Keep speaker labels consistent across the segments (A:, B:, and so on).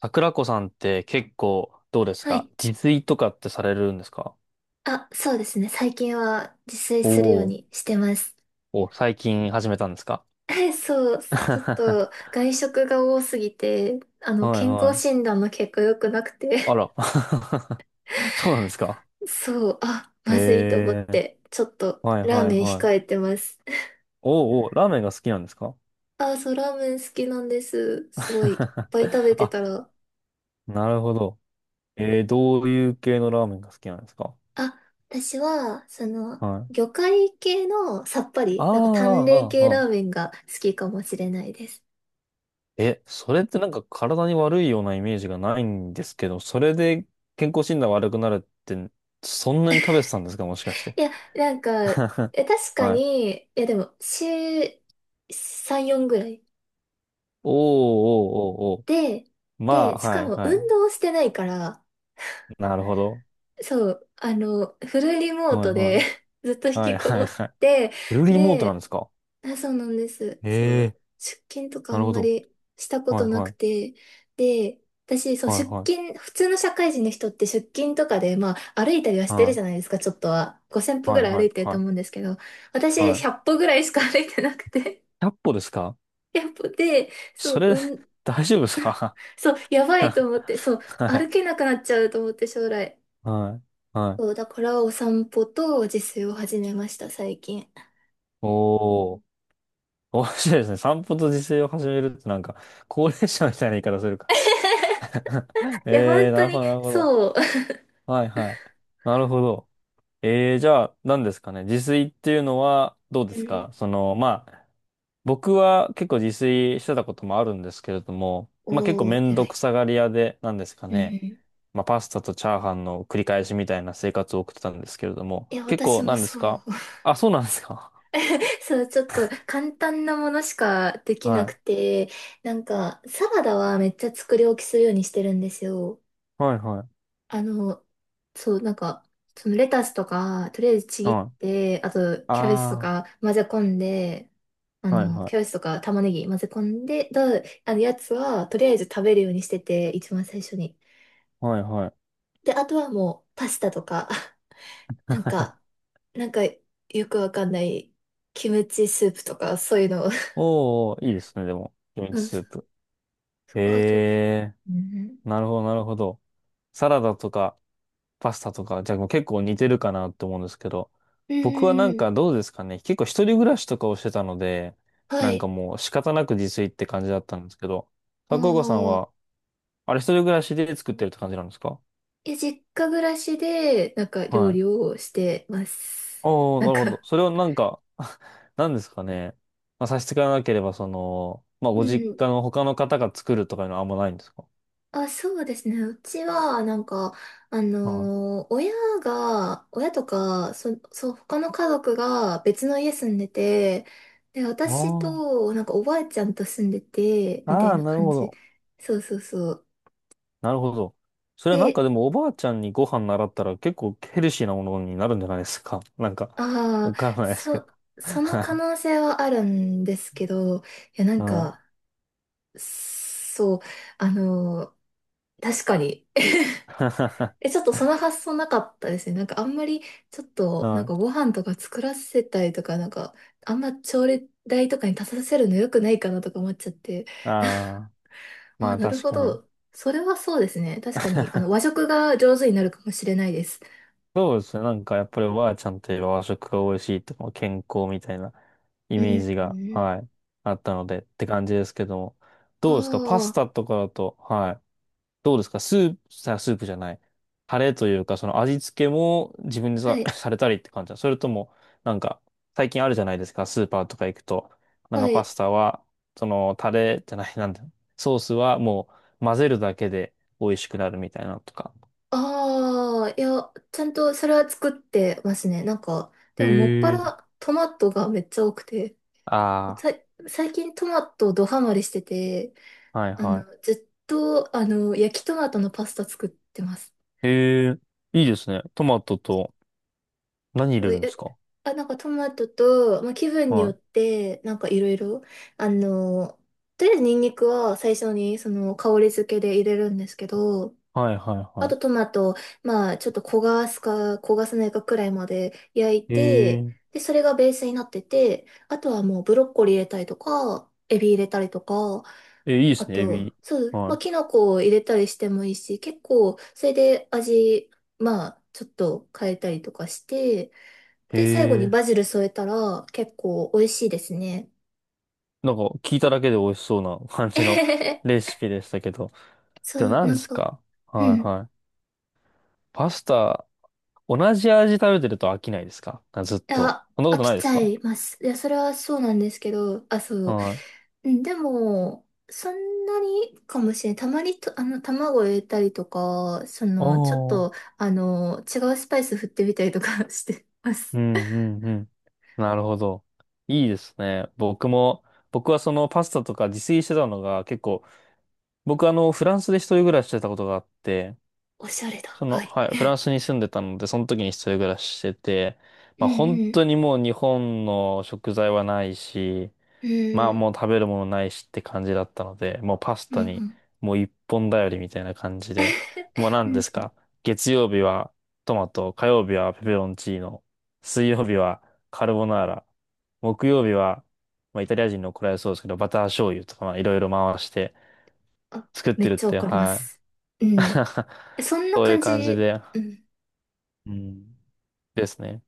A: 桜子さんって結構どうです
B: は
A: か？
B: い。
A: 自炊とかってされるんですか？
B: あ、そうですね。最近は自炊
A: お
B: するよう
A: おー。
B: にしてます。
A: お、最近始めたんですか？
B: そう、ちょっ
A: は
B: と外食が多すぎて、
A: い
B: 健
A: は
B: 康
A: い。
B: 診断の結果良くなくて、
A: あら。そうなんですか？
B: そう、あ、まずいと思っ
A: ええー。
B: て、ちょっと
A: はい
B: ラー
A: はい
B: メン
A: は
B: 控え
A: い。
B: てます。
A: おうおー、ラーメンが好きなんですか？
B: あ、そう、ラーメン好きなんです。すごい、いっ ぱい食べて
A: あ、
B: たら。
A: なるほど。どういう系のラーメンが好きなんですか？
B: あ、私は、
A: はい。
B: 魚介系のさっぱ
A: あ
B: り、
A: あ、
B: なんか淡麗
A: あ
B: 系
A: あ、
B: ラ
A: あ
B: ーメンが好きかもしれないです。
A: え、それってなんか体に悪いようなイメージがないんですけど、それで健康診断悪くなるって、そんなに食べてたんですか、もしかして。
B: いや、なんか、え、確か
A: はい。
B: に、いやでも、週3、4ぐらい。
A: おーおーおーお
B: で、
A: ー。まあ、
B: で、し
A: は
B: か
A: い
B: も
A: は
B: 運
A: い。
B: 動してないから、
A: なるほど。
B: そう、フルリモー
A: はい
B: ト
A: は
B: で
A: い。
B: ずっと引
A: は
B: き
A: い
B: こ
A: は
B: も
A: い
B: っ
A: はい。
B: て、
A: フルリモートなんで
B: で、
A: すか？
B: あ、そうなんです。そ
A: ええ
B: う。出勤と
A: ー、
B: かあ
A: なる
B: ん
A: ほ
B: ま
A: ど。
B: りしたこ
A: は
B: と
A: い
B: なく
A: はい。
B: て。で、私、そう、
A: はい
B: 出
A: はい。
B: 勤、普通の社会人の人って出勤とかで、まあ、歩いたりはし
A: は
B: てるじゃな
A: い
B: いですか、ちょっとは。5000歩
A: は
B: ぐ
A: い
B: らい
A: は
B: 歩
A: い
B: いてると
A: は
B: 思うんですけど、
A: い。
B: 私、
A: はい。ひ
B: 100歩ぐらいしか歩いてなくて。
A: ゃっ歩ですか？
B: 100歩で、そ
A: そ
B: う、
A: れ、
B: うん、
A: 大丈夫ですか？
B: そう、やばいと思って、そう、
A: は
B: 歩
A: い。
B: けなくなっちゃうと思って、将来。
A: はい。は
B: そう、
A: い。
B: だからお散歩と自炊を始めました、最近。い
A: おー。面白いですね。散歩と自炊を始めるってなんか、高齢者みたいな言い方するか。
B: や、本
A: ええー、な
B: 当
A: るほ
B: に、
A: ど、なるほど。
B: そう。
A: はい、はい。なるほど。ええー、じゃあ、何ですかね。自炊っていうのは、どうで
B: う
A: す
B: ん。
A: かその、まあ、僕は結構自炊してたこともあるんですけれども、まあ結構
B: お
A: め
B: ー、
A: ん
B: 偉
A: ど
B: い。
A: くさがり屋で、何ですか
B: うんう
A: ね。
B: ん。
A: まあパスタとチャーハンの繰り返しみたいな生活を送ってたんですけれども、
B: いや、
A: 結
B: 私
A: 構
B: も
A: 何で
B: そ
A: す
B: う。
A: か？あ、そうなんですか。
B: そう、ちょっと簡単なものしかで きな
A: は
B: く
A: い。
B: て、なんか、サラダはめっちゃ作り置きするようにしてるんですよ。
A: はい、は
B: あの、そう、なんか、そのレタスとか、とりあえずち
A: い。
B: ぎっ
A: はい。
B: て、あと、キャベツと
A: あ
B: か混ぜ込んで、
A: あ、はい、は
B: キャベツ
A: い。
B: とか玉ねぎ混ぜ込んで、やつは、とりあえず食べるようにしてて、一番最初に。
A: はいはい。
B: で、あとはもう、パスタとか。なんか、よくわかんないキムチスープとかそういうのを
A: おー、いいですね、でも。キム
B: う
A: チ
B: ん、
A: スープ。
B: あと、
A: え
B: うん、
A: なるほど、なるほど。サラダとか、パスタとか、じゃあもう結構似てるかなって思うんですけど、
B: う
A: 僕はなんか
B: ん、
A: どうですかね。結構一人暮らしとかをしてたので、
B: は
A: なんか
B: い。
A: もう仕方なく自炊って感じだったんですけど、
B: あ
A: 高岡さん
B: あ、
A: は、あれ、一人暮らしで作ってるって感じなんですか？
B: え、実家暮らしで、なんか
A: は
B: 料
A: い。
B: 理をしてます。
A: おー、
B: な
A: な
B: ん
A: るほど。
B: か、
A: それをなんか、なんですかね。まあ、差し支えなければ、その、まあ、
B: う
A: ご実
B: ん。
A: 家の他の方が作るとかいうのはあんまないんですか？
B: あ、そうですね。うちは、なんか、あのー親親とか、そう、他の家族が別の家住んでて、で、私
A: あ
B: と、なんかおばあちゃんと住んでて、
A: あ、
B: みたい
A: ああ、
B: な
A: なる
B: 感
A: ほ
B: じ。
A: ど。
B: そうそうそう。
A: なるほど。それはなん
B: で、
A: かでもおばあちゃんにご飯習ったら結構ヘルシーなものになるんじゃないですか。なんか、
B: ああ、
A: わからないですけど。
B: その
A: は
B: 可
A: い。
B: 能性はあるんですけど、いや、なん
A: うん。
B: か、そう、あのー確かに、え、ちょっとその発想なかったですね。なんかあんまり、ちょっ
A: う
B: と、なん
A: ん
B: かご飯とか作らせたりとか、なんか、あんま調理台とかに立たせるの良くないかなとか思っちゃって。
A: ああ、ま
B: あ、
A: あ
B: なる
A: 確
B: ほ
A: かに。
B: ど。それはそうですね。確かに、和 食が上手になるかもしれないです。
A: そうですね。なんかやっぱりおばあちゃんといえば和食が美味しいとか健康みたいなイ
B: う
A: メージが、
B: ん。
A: はい、あったのでって感じですけども。
B: あ
A: どうですか、パス
B: あ、
A: タとかだと。はい。どうですかスープ、さ、スープじゃない。タレというか、その味付けも自分で
B: は
A: さ、
B: い、
A: されたりって感じだ。それとも、なんか、最近あるじゃないですか、スーパーとか行くと。なん
B: は
A: かパ
B: い。
A: スタは、その、タレじゃない、なんだ、ソースはもう混ぜるだけで美味しくなるみたいなのとか。
B: ああ、いや、ちゃんとそれは作ってますね。なんか、で
A: へ
B: ももっぱ
A: え。
B: らトマトがめっちゃ多くて、
A: あ
B: さ、最近トマトドハマりしてて、
A: あ、はいは
B: ずっと、焼きトマトのパスタ作ってます。
A: い。へえ、いいですね。トマトと何入
B: そ
A: れ
B: うい
A: るんで
B: う、
A: すか？
B: あ、なんかトマトと、まあ、気分によっ
A: は
B: て、なんかいろいろ、あの、とりあえずニンニクは最初にその香り付けで入れるんですけど、
A: い。はいはい
B: あ
A: は
B: とトマト、まあちょっと焦がすか焦がさないかくらいまで焼い
A: い。へ
B: て、
A: え、
B: で、それがベースになってて、あとはもうブロッコリー入れたりとか、エビ入れたりとか、
A: え、いいで
B: あ
A: すね、エ
B: と、
A: ビ。
B: そう、まあ、
A: は
B: キノコを入れたりしてもいいし、結構、それで味、まあ、ちょっと変えたりとかして、
A: い。へ
B: で、最後に
A: え。
B: バジル添えたら、結構美味しいですね。
A: なんか聞いただけで美味しそうな感
B: え
A: じ
B: へ
A: の
B: へへ。
A: レシピでしたけど。
B: そ
A: でも
B: う、
A: 何
B: な
A: で
B: ん
A: す
B: か、
A: か？
B: う
A: はい
B: ん。
A: はい。パスタ、同じ味食べてると飽きないですかあ、ずっと。
B: あ、
A: そんなこ
B: 飽
A: とな
B: き
A: いで
B: ち
A: す
B: ゃ
A: か？
B: います。いや、それはそうなんですけど、あ、そう。
A: はい。
B: うん、でも、そんなにかもしれない。たまにと、卵を入れたりとか、ちょっ
A: お
B: と、
A: ー。
B: 違うスパイス振ってみたりとか してます。
A: うんうんうん。なるほど。いいですね。僕はそのパスタとか自炊してたのが結構、僕フランスで一人暮らししてたことがあって、
B: おしゃれだ。
A: そ
B: は
A: の、
B: い。
A: はい、フラン スに住んでたので、その時に一人暮らししてて、
B: うん
A: まあ本
B: うん。
A: 当にもう日本の食材はないし、
B: う
A: まあ
B: ん
A: もう食べるものないしって感じだったので、もうパス
B: うんう
A: タに
B: ん。
A: もう一本頼りみたいな感じで、もう
B: う
A: 何です
B: ん。
A: か、月曜日はトマト、火曜日はペペロンチーノ、水曜日はカルボナーラ、木曜日は、まあイタリア人の怒られそうですけど、バター醤油とかまあいろいろ回して
B: あ、
A: 作っ
B: めっ
A: てるっ
B: ちゃ
A: て、
B: 怒りま
A: はい。
B: す。うん。そんな
A: そういう
B: 感じ。
A: 感じで。
B: うん。
A: うんですね。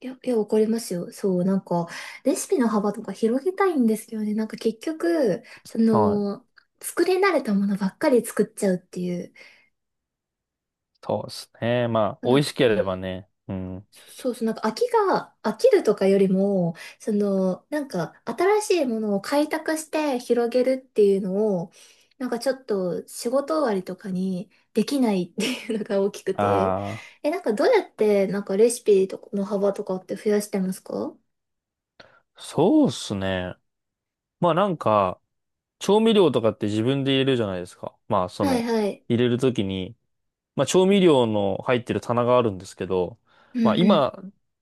B: いや、いや、怒りますよ。そう、なんか、レシピの幅とか広げたいんですけどね。なんか結局、
A: はい。
B: 作り慣れたものばっかり作っちゃうっていう。
A: そうですね。まあ、
B: なん
A: 美味
B: か、
A: しければね。うん。
B: そうそう、なんか飽きるとかよりも、なんか新しいものを開拓して広げるっていうのを、なんかちょっと仕事終わりとかにできないっていうのが大きくて、
A: あ
B: え、なんかどうやってなんかレシピとかの幅とかって増やしてますか？
A: あ、そうですね。まあなんか、調味料とかって自分で入れるじゃないですか。まあ、そ
B: はい
A: の、
B: はい。
A: 入れるときに、まあ、調味料の入ってる棚があるんですけど、
B: うん
A: まあ、
B: うん。
A: 今、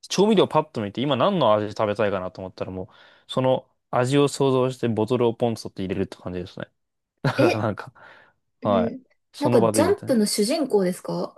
A: 調味料パッと見て、今何の味食べたいかなと思ったらもう、その味を想像してボトルをポンと取って入れるって感じですね。だから
B: え、
A: なんか、
B: う
A: はい。
B: ん。な
A: そ
B: ん
A: の
B: か
A: 場
B: ジ
A: で
B: ャ
A: み
B: ン
A: たい
B: プ
A: な。
B: の主人公ですか？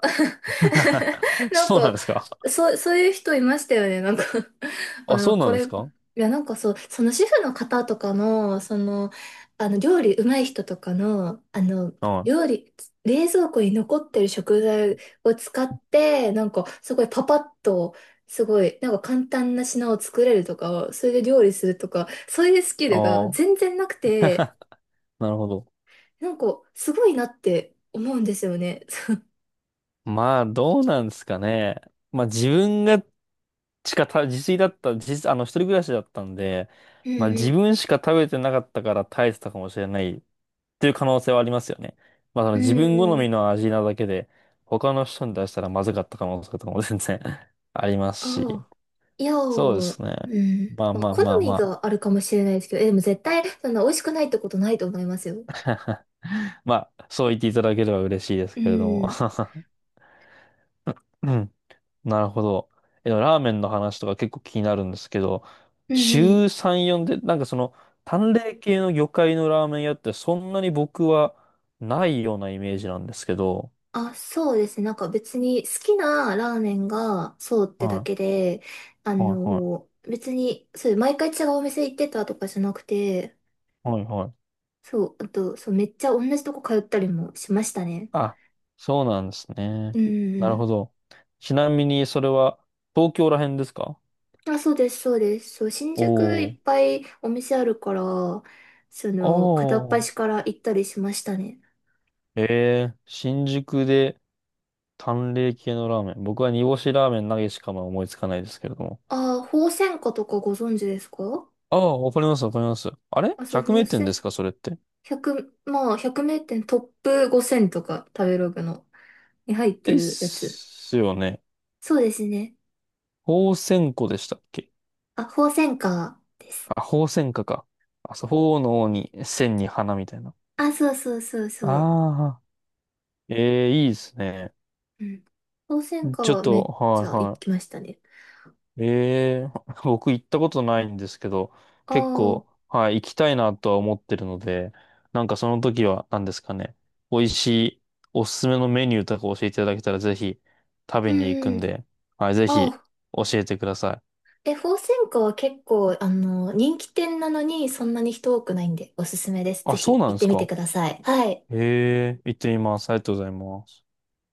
B: なん
A: そうなん
B: か、
A: ですか？
B: そう、そういう人いましたよね。なんか
A: あ、そうな
B: こ
A: んで
B: れ、
A: す
B: い
A: か？
B: や、なんかそう、その主婦の方とかの、料理うまい人とかの、
A: は
B: 料
A: い。
B: 理、冷蔵庫に残ってる食材を使って、なんか、すごいパパッと、すごい、なんか簡単な品を作れるとか、それで料理するとか、そういうスキルが
A: ああ、
B: 全然なくて、
A: なるほど。
B: なんか、すごいなって思うんですよね。
A: まあ、どうなんですかね。まあ、自分がしかた、自炊だった、自、あの、一人暮らしだったんで、
B: う
A: まあ、自
B: ん
A: 分しか食べてなかったから耐えてたかもしれないっていう可能性はありますよね。まあ、そ
B: う
A: の
B: ん。
A: 自分好
B: う
A: み
B: ん。
A: の味なだけで、他の人に出したらまずかった可能性とかも全然 あります
B: あ
A: し。
B: あ、いや
A: そうで
B: ー、
A: すね。
B: うん。
A: まあ
B: まあ、
A: まあま
B: 好
A: あ
B: み
A: ま
B: があるかもしれないですけど、え、でも絶対、そんな美味しくないってことないと思いますよ。
A: あ。まあ、そう言っていただければ嬉しいです
B: う
A: けれども。
B: ん。
A: うん、なるほど。え、でもラーメンの話とか結構気になるんですけど、
B: うんうん。
A: 週3、4で、なんかその、淡麗系の魚介のラーメン屋ってそんなに僕はないようなイメージなんですけど、
B: あ、そうですね。なんか別に好きなラーメンがそうってだ
A: は
B: けで、
A: い、はい、は
B: 別に、そう、毎回違うお店行ってたとかじゃなくて、
A: い、はい、はい。
B: そう、あと、そう、めっちゃ同じとこ通ったりもしましたね。
A: あ、そうなんですね。
B: うん
A: な
B: う
A: るほ
B: ん。
A: ど。ちなみにそれは東京ら辺ですか？
B: あ、そうです、そうです。そう、新宿
A: お
B: いっぱいお店あるから、片っ
A: おあ
B: 端
A: あ。
B: から行ったりしましたね。
A: ええ、新宿で淡麗系のラーメン。僕は煮干しラーメン投げしかまあ思いつかないですけれども。
B: ああ、鳳仙花とかご存知ですか？
A: ああ、わかります、わかります。あれ？
B: あ、そう、
A: 100
B: 鳳
A: 名店で
B: 仙、
A: すか、それって。
B: 1 0まあ、100名店トップ5000とか、食べログの、に入って
A: で
B: るやつ。
A: すよね。
B: そうですね。
A: 鳳仙湖でしたっけ？
B: あ、鳳仙花。
A: あ、鳳仙花か。あ、そう、鳳の王に、仙に花みたいな。
B: あ、そうそうそうそう。
A: ああ、ええ、いいですね。
B: うん。鳳仙花
A: ちょっ
B: はめ
A: と、
B: っちゃ行
A: はい、
B: きましたね。
A: ええ、 僕行ったことないんですけど、
B: あ
A: 結
B: あ、
A: 構、はい、行きたいなとは思ってるので、なんかその時は何ですかね、美味しいおすすめのメニューとか教えていただけたらぜひ食べに行く
B: う
A: ん
B: ん。
A: で、はい、ぜ
B: あ
A: ひ
B: あ、
A: 教えてください。
B: え、鳳仙花は結構、人気店なのにそんなに人多くないんでおすすめです。ぜ
A: あ、そう
B: ひ
A: なん
B: 行っ
A: で
B: て
A: す
B: みて
A: か。
B: ください。はい。
A: ええ、行ってみます。ありがとうございます。